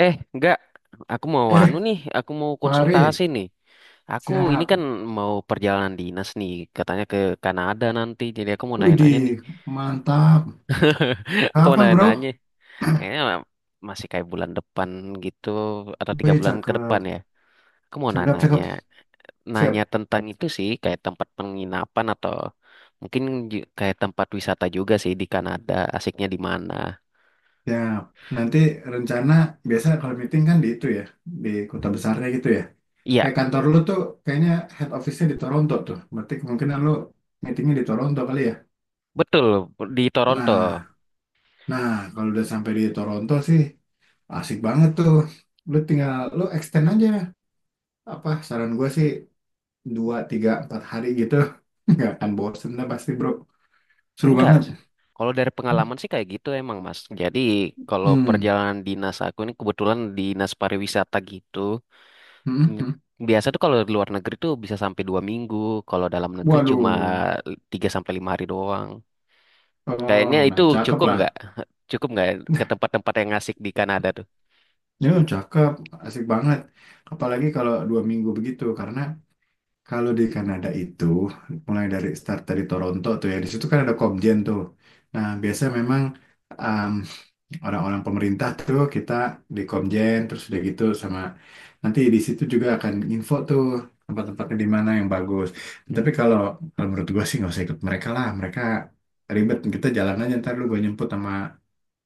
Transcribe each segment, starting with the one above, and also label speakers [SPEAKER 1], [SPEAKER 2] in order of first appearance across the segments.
[SPEAKER 1] Eh, enggak. Aku mau anu
[SPEAKER 2] Eh,
[SPEAKER 1] nih, aku mau konsultasi
[SPEAKER 2] Fari,
[SPEAKER 1] nih. Aku ini
[SPEAKER 2] siap.
[SPEAKER 1] kan mau perjalanan dinas nih, katanya ke Kanada nanti. Jadi aku mau nanya-nanya nih.
[SPEAKER 2] Widih, mantap.
[SPEAKER 1] Aku mau
[SPEAKER 2] Kapan,
[SPEAKER 1] nanya-nanya.
[SPEAKER 2] bro?
[SPEAKER 1] Kayaknya masih kayak bulan depan gitu, atau tiga
[SPEAKER 2] Wih,
[SPEAKER 1] bulan ke
[SPEAKER 2] cakep.
[SPEAKER 1] depan ya. Aku mau
[SPEAKER 2] Cakep,
[SPEAKER 1] nanya-nanya.
[SPEAKER 2] cakep.
[SPEAKER 1] Nanya
[SPEAKER 2] Siap.
[SPEAKER 1] tentang itu sih, kayak tempat penginapan atau mungkin kayak tempat wisata juga sih di Kanada. Asiknya di mana?
[SPEAKER 2] Ya, nanti rencana biasa kalau meeting kan di itu ya, di kota besarnya gitu ya.
[SPEAKER 1] Iya,
[SPEAKER 2] Kayak kantor lu tuh kayaknya head office-nya di Toronto tuh. Berarti kemungkinan lu meetingnya di Toronto kali ya.
[SPEAKER 1] betul. Di Toronto.
[SPEAKER 2] Nah, nah, kalau udah sampai di Toronto sih asik banget tuh. Lu tinggal, lu extend aja. Apa, saran gue sih 2 3 4 hari gitu nggak akan bosen lah pasti bro, seru
[SPEAKER 1] Enggak
[SPEAKER 2] banget.
[SPEAKER 1] sih. Kalau dari pengalaman sih kayak gitu emang, Mas. Jadi kalau
[SPEAKER 2] Hmm.
[SPEAKER 1] perjalanan dinas aku ini kebetulan dinas pariwisata gitu.
[SPEAKER 2] Hmm.
[SPEAKER 1] N-
[SPEAKER 2] Hmm.
[SPEAKER 1] Biasa tuh kalau di luar negeri tuh bisa sampai dua minggu. Kalau dalam negeri cuma
[SPEAKER 2] Waduh.
[SPEAKER 1] tiga sampai lima hari doang.
[SPEAKER 2] Oh,
[SPEAKER 1] Kayaknya
[SPEAKER 2] nah
[SPEAKER 1] itu
[SPEAKER 2] cakep
[SPEAKER 1] cukup
[SPEAKER 2] lah.
[SPEAKER 1] nggak? Cukup nggak ke tempat-tempat yang asik di Kanada tuh?
[SPEAKER 2] Ya cakep, asik banget, apalagi kalau 2 minggu begitu karena kalau di Kanada itu mulai dari start dari Toronto tuh ya, di situ kan ada Cobden tuh. Nah, biasanya memang orang-orang pemerintah tuh kita di Komjen terus udah gitu, sama nanti di situ juga akan info tuh tempat-tempatnya di mana yang bagus.
[SPEAKER 1] Hmm.
[SPEAKER 2] Tapi kalau menurut gue sih nggak usah ikut mereka lah, mereka ribet, kita jalan aja ntar lu gue nyemput sama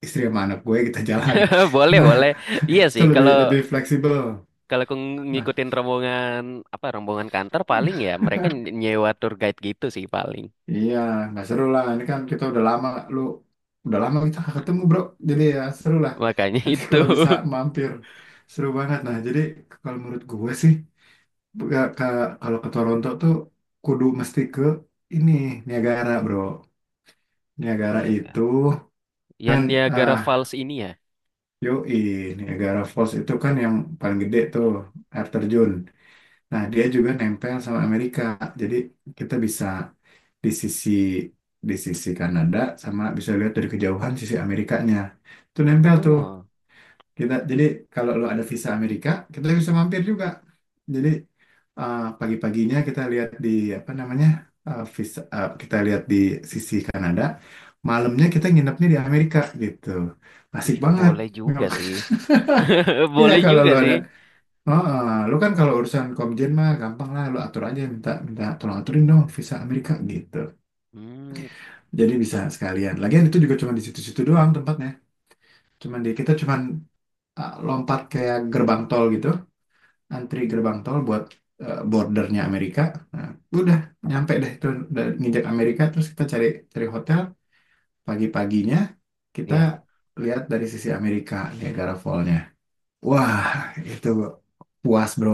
[SPEAKER 2] istri sama anak gue kita jalan.
[SPEAKER 1] Boleh,
[SPEAKER 2] Nah,
[SPEAKER 1] boleh. Iya
[SPEAKER 2] itu
[SPEAKER 1] sih,
[SPEAKER 2] lebih
[SPEAKER 1] kalau
[SPEAKER 2] lebih fleksibel.
[SPEAKER 1] kalau aku
[SPEAKER 2] Nah
[SPEAKER 1] ngikutin rombongan apa rombongan kantor paling ya mereka nyewa tour guide gitu sih paling.
[SPEAKER 2] iya, nggak seru lah, ini kan kita udah lama, lu udah lama kita nggak ketemu bro, jadi ya seru lah,
[SPEAKER 1] Makanya
[SPEAKER 2] nanti
[SPEAKER 1] itu.
[SPEAKER 2] kalau bisa mampir, seru banget. Nah, jadi kalau menurut gue sih, Nggak, Kak, kalau ke Toronto tuh kudu mesti ke ini Niagara, Bro. Niagara
[SPEAKER 1] Niaga.
[SPEAKER 2] itu
[SPEAKER 1] Yang
[SPEAKER 2] kan
[SPEAKER 1] Niagara
[SPEAKER 2] ah
[SPEAKER 1] Falls ini ya?
[SPEAKER 2] yoi, Niagara Falls itu kan yang paling gede tuh air terjun. Nah, dia juga nempel sama Amerika. Jadi kita bisa di sisi di sisi Kanada sama bisa lihat dari kejauhan sisi Amerikanya. Itu nempel tuh.
[SPEAKER 1] Oh,
[SPEAKER 2] Kita jadi kalau lu ada visa Amerika, kita bisa mampir juga. Jadi pagi-paginya kita lihat di apa namanya kita lihat di sisi Kanada. Malamnya kita nginepnya di Amerika gitu. Asik
[SPEAKER 1] ih,
[SPEAKER 2] banget.
[SPEAKER 1] boleh juga sih.
[SPEAKER 2] Iya
[SPEAKER 1] Boleh
[SPEAKER 2] kalau
[SPEAKER 1] juga
[SPEAKER 2] lu ada,
[SPEAKER 1] sih.
[SPEAKER 2] oh, eh, lu kan kalau urusan Komjen mah gampang lah, lu atur aja minta minta tolong aturin dong visa Amerika gitu.
[SPEAKER 1] Hmm,
[SPEAKER 2] Jadi bisa sekalian. Lagian itu juga cuma di situ-situ doang tempatnya. Cuman di kita cuman lompat kayak gerbang tol gitu, antri gerbang tol buat bordernya Amerika. Nah, udah nyampe deh itu, udah nginjak Amerika terus kita cari cari hotel, pagi-paginya kita
[SPEAKER 1] ya.
[SPEAKER 2] lihat dari sisi Amerika Niagara Fall-nya. Wah, itu puas, Bro.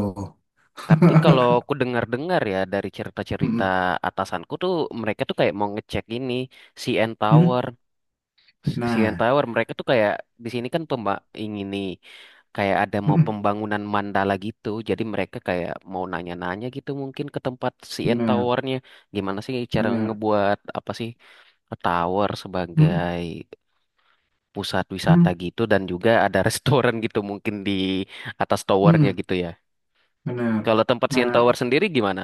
[SPEAKER 1] Tapi kalau aku dengar-dengar ya dari cerita-cerita
[SPEAKER 2] Mm-mm.
[SPEAKER 1] atasanku tuh mereka tuh kayak mau ngecek ini CN
[SPEAKER 2] Mm.
[SPEAKER 1] Tower. CN
[SPEAKER 2] Nah,
[SPEAKER 1] Tower mereka tuh kayak di sini kan pemba ingin nih kayak ada mau
[SPEAKER 2] mm-mm.
[SPEAKER 1] pembangunan mandala gitu. Jadi mereka kayak mau nanya-nanya gitu mungkin ke tempat CN
[SPEAKER 2] Benar,
[SPEAKER 1] Towernya. Gimana sih cara
[SPEAKER 2] benar.
[SPEAKER 1] ngebuat apa sih tower
[SPEAKER 2] Mm-mm.
[SPEAKER 1] sebagai pusat wisata
[SPEAKER 2] Mm.
[SPEAKER 1] gitu dan juga ada restoran gitu mungkin di atas towernya
[SPEAKER 2] Mm-mm.
[SPEAKER 1] gitu ya.
[SPEAKER 2] Benar.
[SPEAKER 1] Kalau tempat CN Tower
[SPEAKER 2] Nah,
[SPEAKER 1] sendiri gimana?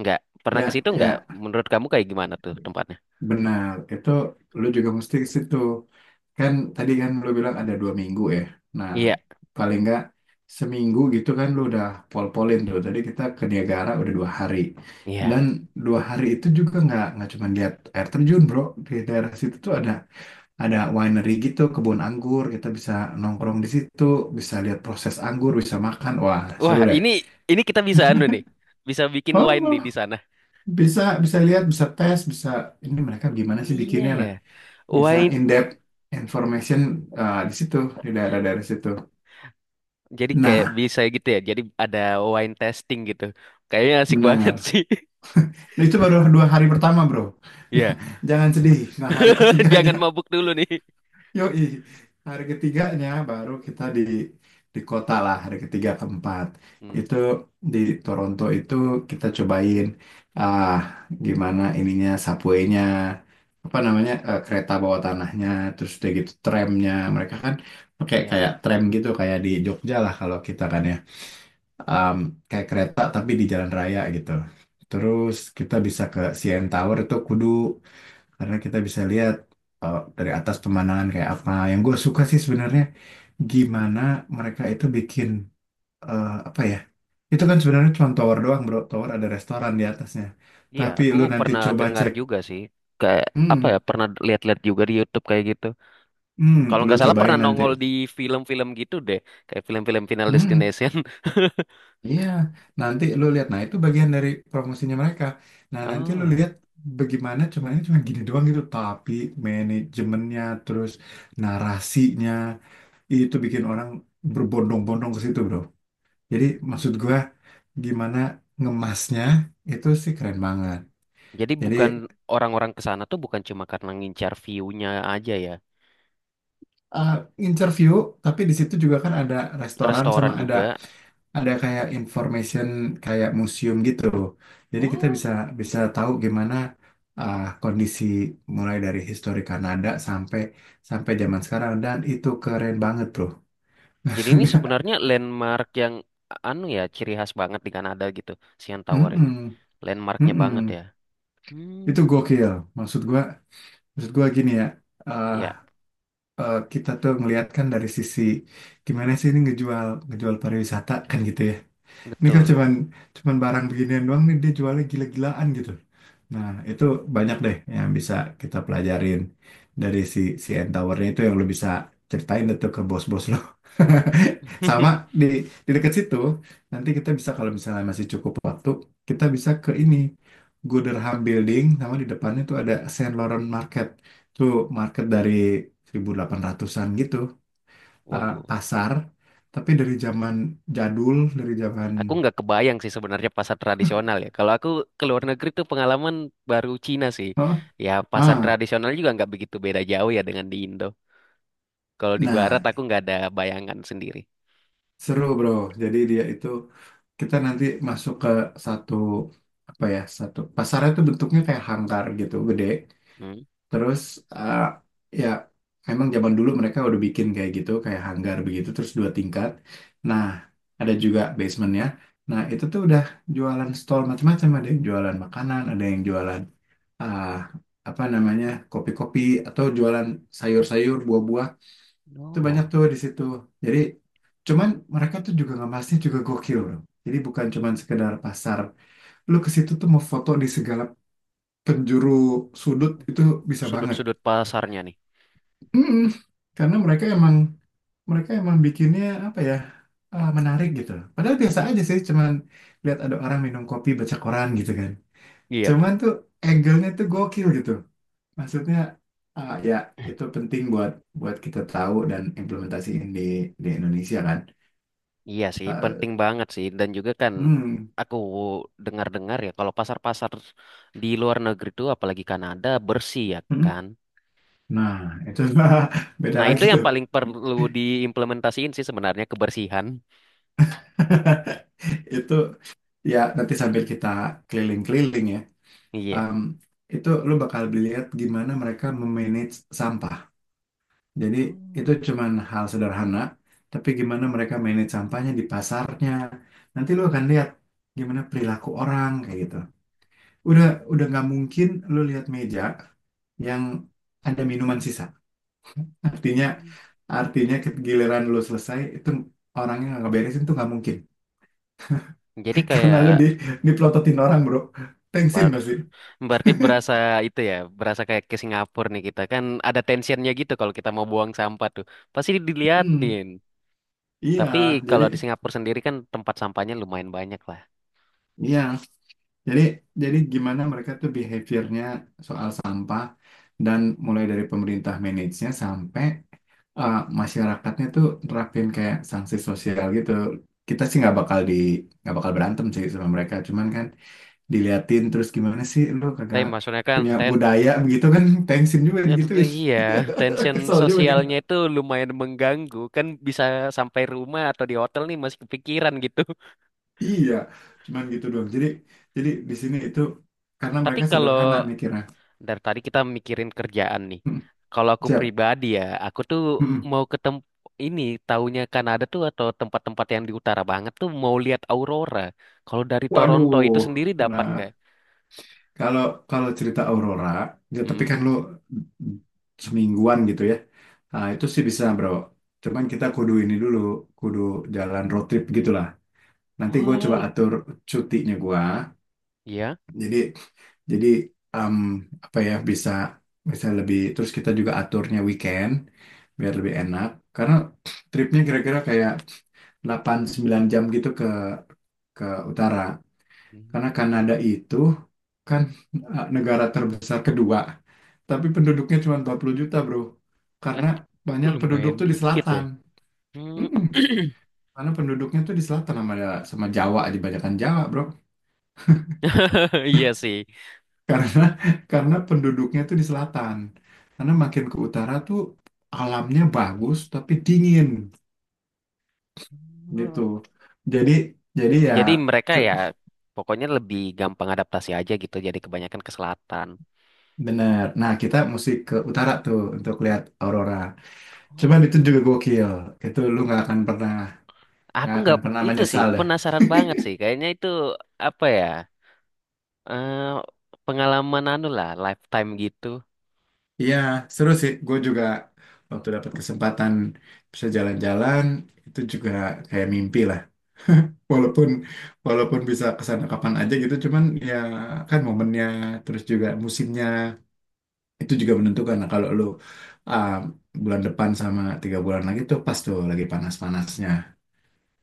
[SPEAKER 1] Nggak pernah ke
[SPEAKER 2] ya
[SPEAKER 1] situ nggak?
[SPEAKER 2] ya
[SPEAKER 1] Menurut kamu kayak gimana tuh tempatnya?
[SPEAKER 2] benar. Itu lu juga mesti ke situ. Kan tadi kan lu bilang ada 2 minggu ya. Nah,
[SPEAKER 1] Iya,
[SPEAKER 2] paling nggak seminggu gitu kan lu udah pol-polin tuh. Tadi kita ke Niagara udah 2 hari. Dan
[SPEAKER 1] iya.
[SPEAKER 2] 2 hari itu juga nggak cuma lihat air terjun bro. Di daerah situ tuh ada winery gitu, kebun anggur. Kita bisa nongkrong di situ, bisa lihat proses anggur, bisa makan. Wah, seru
[SPEAKER 1] Wah,
[SPEAKER 2] deh.
[SPEAKER 1] ini kita bisa anu nih. Bisa bikin wine nih di
[SPEAKER 2] Oh,
[SPEAKER 1] sana.
[SPEAKER 2] bisa bisa lihat, bisa tes, bisa ini, mereka gimana sih
[SPEAKER 1] Iya
[SPEAKER 2] bikinnya?
[SPEAKER 1] ya.
[SPEAKER 2] Nah, bisa
[SPEAKER 1] Wine
[SPEAKER 2] in depth information di situ, di daerah-daerah situ.
[SPEAKER 1] jadi kayak
[SPEAKER 2] Nah,
[SPEAKER 1] bisa gitu ya. Jadi ada wine testing gitu. Kayaknya asik banget
[SPEAKER 2] benar.
[SPEAKER 1] sih.
[SPEAKER 2] Nah, itu baru 2 hari pertama, bro. Nah,
[SPEAKER 1] Iya.
[SPEAKER 2] jangan sedih. Nah, hari ketiganya,
[SPEAKER 1] Jangan mabuk dulu nih.
[SPEAKER 2] yoi. Hari ketiganya baru kita di kota lah, hari ketiga keempat.
[SPEAKER 1] Hmm,
[SPEAKER 2] Itu di Toronto itu kita cobain ah gimana ininya subway-nya, apa namanya kereta bawah tanahnya, terus udah gitu tramnya. Mereka kan pakai
[SPEAKER 1] ya.
[SPEAKER 2] kayak tram gitu kayak di Jogja lah kalau kita kan ya, um, kayak kereta tapi di jalan raya gitu. Terus kita bisa ke CN Tower itu kudu karena kita bisa lihat dari atas pemandangan kayak apa. Yang gue suka sih sebenarnya gimana mereka itu bikin apa ya? Itu kan sebenarnya cuma tower doang, bro. Tower ada restoran di atasnya.
[SPEAKER 1] Iya,
[SPEAKER 2] Tapi
[SPEAKER 1] aku
[SPEAKER 2] lu nanti
[SPEAKER 1] pernah
[SPEAKER 2] coba
[SPEAKER 1] dengar
[SPEAKER 2] cek.
[SPEAKER 1] juga sih. Kayak apa ya?
[SPEAKER 2] Hmm,
[SPEAKER 1] Pernah lihat-lihat juga di YouTube kayak gitu.
[SPEAKER 2] hmm,
[SPEAKER 1] Kalau
[SPEAKER 2] lu
[SPEAKER 1] nggak salah pernah
[SPEAKER 2] cobain nanti.
[SPEAKER 1] nongol di film-film gitu deh, kayak film-film Final
[SPEAKER 2] Hmm.
[SPEAKER 1] Destination.
[SPEAKER 2] Iya, nanti lu lihat. Nah, itu bagian dari promosinya mereka. Nah, nanti lu
[SPEAKER 1] Oh.
[SPEAKER 2] lihat bagaimana, cuman ini cuma gini doang gitu, tapi manajemennya terus narasinya itu bikin orang berbondong-bondong ke situ, Bro. Jadi maksud
[SPEAKER 1] Hmm.
[SPEAKER 2] gua, gimana ngemasnya itu sih keren banget.
[SPEAKER 1] Jadi
[SPEAKER 2] Jadi
[SPEAKER 1] bukan orang-orang ke sana tuh bukan cuma karena ngincar view-nya aja ya.
[SPEAKER 2] uh, interview, tapi di situ juga kan ada restoran sama
[SPEAKER 1] Restoran
[SPEAKER 2] ada
[SPEAKER 1] juga.
[SPEAKER 2] ada kayak information kayak museum gitu. Jadi kita
[SPEAKER 1] Oh.
[SPEAKER 2] bisa bisa tahu gimana kondisi, mulai dari histori Kanada sampai sampai zaman sekarang, dan itu keren banget, bro.
[SPEAKER 1] Jadi ini sebenarnya landmark yang anu ya, ciri khas banget di Kanada gitu, Sian Tower ini.
[SPEAKER 2] Mm-mm,
[SPEAKER 1] Landmarknya banget ya.
[SPEAKER 2] mm-mm. Itu
[SPEAKER 1] Hmm,
[SPEAKER 2] gokil. Maksud gua, maksud gua, gini ya. uh,
[SPEAKER 1] ya,
[SPEAKER 2] kita tuh melihatkan dari sisi gimana sih ini ngejual ngejual pariwisata kan gitu ya. Ini kan
[SPEAKER 1] betul.
[SPEAKER 2] cuman cuman barang beginian doang nih dia jualnya gila-gilaan gitu. Nah, itu banyak deh yang bisa kita pelajarin dari si si N Tower-nya itu yang lu bisa ceritain itu ke bos-bos lo. Sama di di dekat situ, nanti kita bisa kalau misalnya masih cukup waktu, kita bisa ke ini Gooderham Building sama di depannya tuh ada Saint Laurent Market. Tuh market dari 1800-an gitu, eh,
[SPEAKER 1] Waduh.
[SPEAKER 2] pasar tapi dari zaman jadul, dari zaman.
[SPEAKER 1] Aku nggak kebayang sih sebenarnya pasar tradisional ya. Kalau aku ke luar negeri tuh pengalaman baru Cina sih.
[SPEAKER 2] Oh,
[SPEAKER 1] Ya pasar
[SPEAKER 2] ah,
[SPEAKER 1] tradisional juga nggak begitu beda jauh ya dengan di Indo. Kalau di Barat
[SPEAKER 2] nah
[SPEAKER 1] aku nggak ada bayangan sendiri.
[SPEAKER 2] seru bro. Jadi dia itu kita nanti masuk ke satu apa ya, satu pasarnya itu bentuknya kayak hangkar gitu gede
[SPEAKER 1] Hmm.
[SPEAKER 2] terus eh, ya emang zaman dulu mereka udah bikin kayak gitu kayak hanggar begitu terus 2 tingkat. Nah, ada juga basementnya. Nah, itu tuh udah jualan stall macam-macam, ada yang jualan makanan, ada yang jualan ah, apa namanya, kopi-kopi atau jualan sayur-sayur buah-buah, itu banyak
[SPEAKER 1] Oh,
[SPEAKER 2] tuh di situ. Jadi cuman mereka tuh juga ngemasnya juga gokil bro. Jadi bukan cuman sekedar pasar. Lu ke situ tuh mau foto di segala penjuru sudut itu bisa banget.
[SPEAKER 1] sudut-sudut pasarnya nih.
[SPEAKER 2] Mm. Karena mereka emang, mereka emang bikinnya apa ya, menarik gitu. Padahal biasa aja sih, cuman lihat ada orang minum kopi baca koran gitu kan.
[SPEAKER 1] Iya.
[SPEAKER 2] Cuman tuh angle-nya tuh gokil gitu. Maksudnya ah, ya, itu penting buat buat kita tahu dan implementasiin di Indonesia kan.
[SPEAKER 1] Iya sih, penting
[SPEAKER 2] Eh,
[SPEAKER 1] banget sih. Dan juga kan
[SPEAKER 2] Hmm.
[SPEAKER 1] aku dengar-dengar ya kalau pasar-pasar di luar negeri tuh apalagi Kanada bersih ya
[SPEAKER 2] Hmm.
[SPEAKER 1] kan.
[SPEAKER 2] Nah, itu beda
[SPEAKER 1] Nah
[SPEAKER 2] lagi
[SPEAKER 1] itu yang paling
[SPEAKER 2] tuh.
[SPEAKER 1] perlu diimplementasiin sih sebenarnya kebersihan.
[SPEAKER 2] Itu ya nanti sambil kita keliling-keliling ya.
[SPEAKER 1] Iya.
[SPEAKER 2] em, itu lu bakal lihat gimana mereka memanage sampah. Jadi
[SPEAKER 1] Oh.
[SPEAKER 2] itu cuman hal sederhana, tapi gimana mereka manage sampahnya di pasarnya. Nanti lu akan lihat gimana perilaku orang kayak gitu. Udah udah nggak mungkin lu lihat meja yang ada minuman sisa. Artinya,
[SPEAKER 1] Hmm.
[SPEAKER 2] Artinya ke- giliran lu selesai itu orangnya nggak beresin tuh nggak mungkin.
[SPEAKER 1] Jadi
[SPEAKER 2] Karena
[SPEAKER 1] kayak
[SPEAKER 2] lu di dipelototin orang bro, tensin
[SPEAKER 1] bar
[SPEAKER 2] pasti.
[SPEAKER 1] berarti berasa itu ya, berasa kayak ke Singapura nih kita kan ada tensionnya gitu kalau kita mau buang sampah tuh. Pasti
[SPEAKER 2] Hmm,
[SPEAKER 1] diliatin.
[SPEAKER 2] iya.
[SPEAKER 1] Tapi
[SPEAKER 2] jadi
[SPEAKER 1] kalau di Singapura sendiri kan tempat sampahnya lumayan banyak lah.
[SPEAKER 2] iya jadi jadi gimana mereka tuh behaviornya soal sampah, dan mulai dari pemerintah manage-nya sampai uh, masyarakatnya tuh nerapin kayak sanksi sosial gitu. Kita sih
[SPEAKER 1] Hmm.
[SPEAKER 2] nggak bakal berantem sih sama mereka, cuman kan diliatin terus, gimana sih lu
[SPEAKER 1] Tapi
[SPEAKER 2] kagak
[SPEAKER 1] maksudnya kan
[SPEAKER 2] punya
[SPEAKER 1] ten
[SPEAKER 2] budaya begitu kan, tensin juga
[SPEAKER 1] itu tuh
[SPEAKER 2] digituin.
[SPEAKER 1] iya, tension
[SPEAKER 2] Kesel juga gitu,
[SPEAKER 1] sosialnya itu lumayan mengganggu. Kan bisa sampai rumah atau di hotel nih masih kepikiran gitu.
[SPEAKER 2] iya, cuman gitu doang. Jadi di sini itu karena
[SPEAKER 1] Tapi
[SPEAKER 2] mereka
[SPEAKER 1] kalau
[SPEAKER 2] sederhana mikirnya.
[SPEAKER 1] Dari tadi kita mikirin kerjaan nih.
[SPEAKER 2] Hmm,
[SPEAKER 1] Kalau aku
[SPEAKER 2] siap.
[SPEAKER 1] pribadi ya, aku tuh
[SPEAKER 2] Hmm. Hmm.
[SPEAKER 1] mau ke tem ini taunya Kanada tuh atau tempat-tempat yang di utara banget tuh mau lihat aurora. Kalau dari Toronto itu
[SPEAKER 2] Waduh.
[SPEAKER 1] sendiri dapat
[SPEAKER 2] Nah,
[SPEAKER 1] nggak?
[SPEAKER 2] kalau, kalau cerita Aurora ya tapi
[SPEAKER 1] Hmm.
[SPEAKER 2] kan lu semingguan gitu ya. Nah, itu sih bisa bro, cuman kita kudu ini dulu, kudu jalan road trip gitulah. Nanti gue coba
[SPEAKER 1] Oh,
[SPEAKER 2] atur cutinya gue.
[SPEAKER 1] ya.
[SPEAKER 2] Jadi jadi em, apa ya, bisa bisa lebih, terus kita juga aturnya weekend biar lebih enak karena tripnya kira-kira kayak 8 9 jam gitu ke utara,
[SPEAKER 1] Hmm.
[SPEAKER 2] karena Kanada itu kan negara terbesar kedua tapi penduduknya cuma 40 juta bro,
[SPEAKER 1] Eh,
[SPEAKER 2] karena banyak penduduk
[SPEAKER 1] lumayan
[SPEAKER 2] tuh di
[SPEAKER 1] dikit ya.
[SPEAKER 2] selatan.
[SPEAKER 1] Hmm.
[SPEAKER 2] Mm-mm. Karena penduduknya tuh di selatan, sama sama Jawa dibanyakan Jawa bro,
[SPEAKER 1] Iya sih.
[SPEAKER 2] karena karena penduduknya tuh di selatan, karena makin ke utara tuh alamnya bagus tapi dingin gitu.
[SPEAKER 1] Hmm.
[SPEAKER 2] jadi jadi ya
[SPEAKER 1] Jadi mereka
[SPEAKER 2] cu-
[SPEAKER 1] ya pokoknya lebih gampang adaptasi aja gitu. Jadi kebanyakan ke selatan.
[SPEAKER 2] bener, nah kita mesti ke utara tuh untuk lihat aurora, cuman itu
[SPEAKER 1] Oh.
[SPEAKER 2] juga gokil, itu lu nggak akan pernah
[SPEAKER 1] Aku
[SPEAKER 2] nggak akan
[SPEAKER 1] nggak
[SPEAKER 2] pernah
[SPEAKER 1] itu sih
[SPEAKER 2] menyesal deh.
[SPEAKER 1] penasaran banget sih. Kayaknya itu apa ya? eh Pengalaman anu lah, lifetime gitu.
[SPEAKER 2] Iya seru sih, gue juga waktu dapat kesempatan bisa jalan-jalan, itu juga kayak mimpi lah, walaupun walaupun bisa kesana kapan aja gitu cuman ya, kan momennya terus juga musimnya itu juga menentukan. Nah kalau lu ah, bulan depan sama 3 bulan lagi tuh pas tuh lagi panas-panasnya,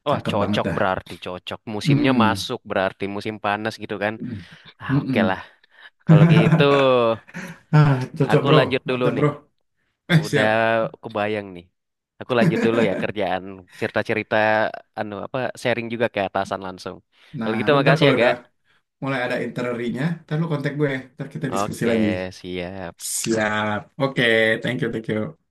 [SPEAKER 1] Wah
[SPEAKER 2] cakep banget
[SPEAKER 1] cocok
[SPEAKER 2] dah.
[SPEAKER 1] berarti cocok. Musimnya
[SPEAKER 2] Mm-mm.
[SPEAKER 1] masuk berarti musim panas gitu kan.
[SPEAKER 2] Mm.
[SPEAKER 1] Ah oke
[SPEAKER 2] Mm-mm.
[SPEAKER 1] lah. Kalau gitu
[SPEAKER 2] Ah cocok
[SPEAKER 1] aku
[SPEAKER 2] bro,
[SPEAKER 1] lanjut dulu
[SPEAKER 2] mantap
[SPEAKER 1] nih.
[SPEAKER 2] bro, eh
[SPEAKER 1] Udah
[SPEAKER 2] siap.
[SPEAKER 1] kebayang nih. Aku lanjut dulu ya kerjaan cerita-cerita anu apa sharing juga ke atasan langsung. Kalau
[SPEAKER 2] Nah
[SPEAKER 1] gitu
[SPEAKER 2] lu ntar
[SPEAKER 1] makasih ya,
[SPEAKER 2] kalau
[SPEAKER 1] Gak.
[SPEAKER 2] udah mulai ada itinerary-nya ntar lu kontak gue ntar kita diskusi
[SPEAKER 1] Oke,
[SPEAKER 2] lagi,
[SPEAKER 1] siap.
[SPEAKER 2] siap oke, thank you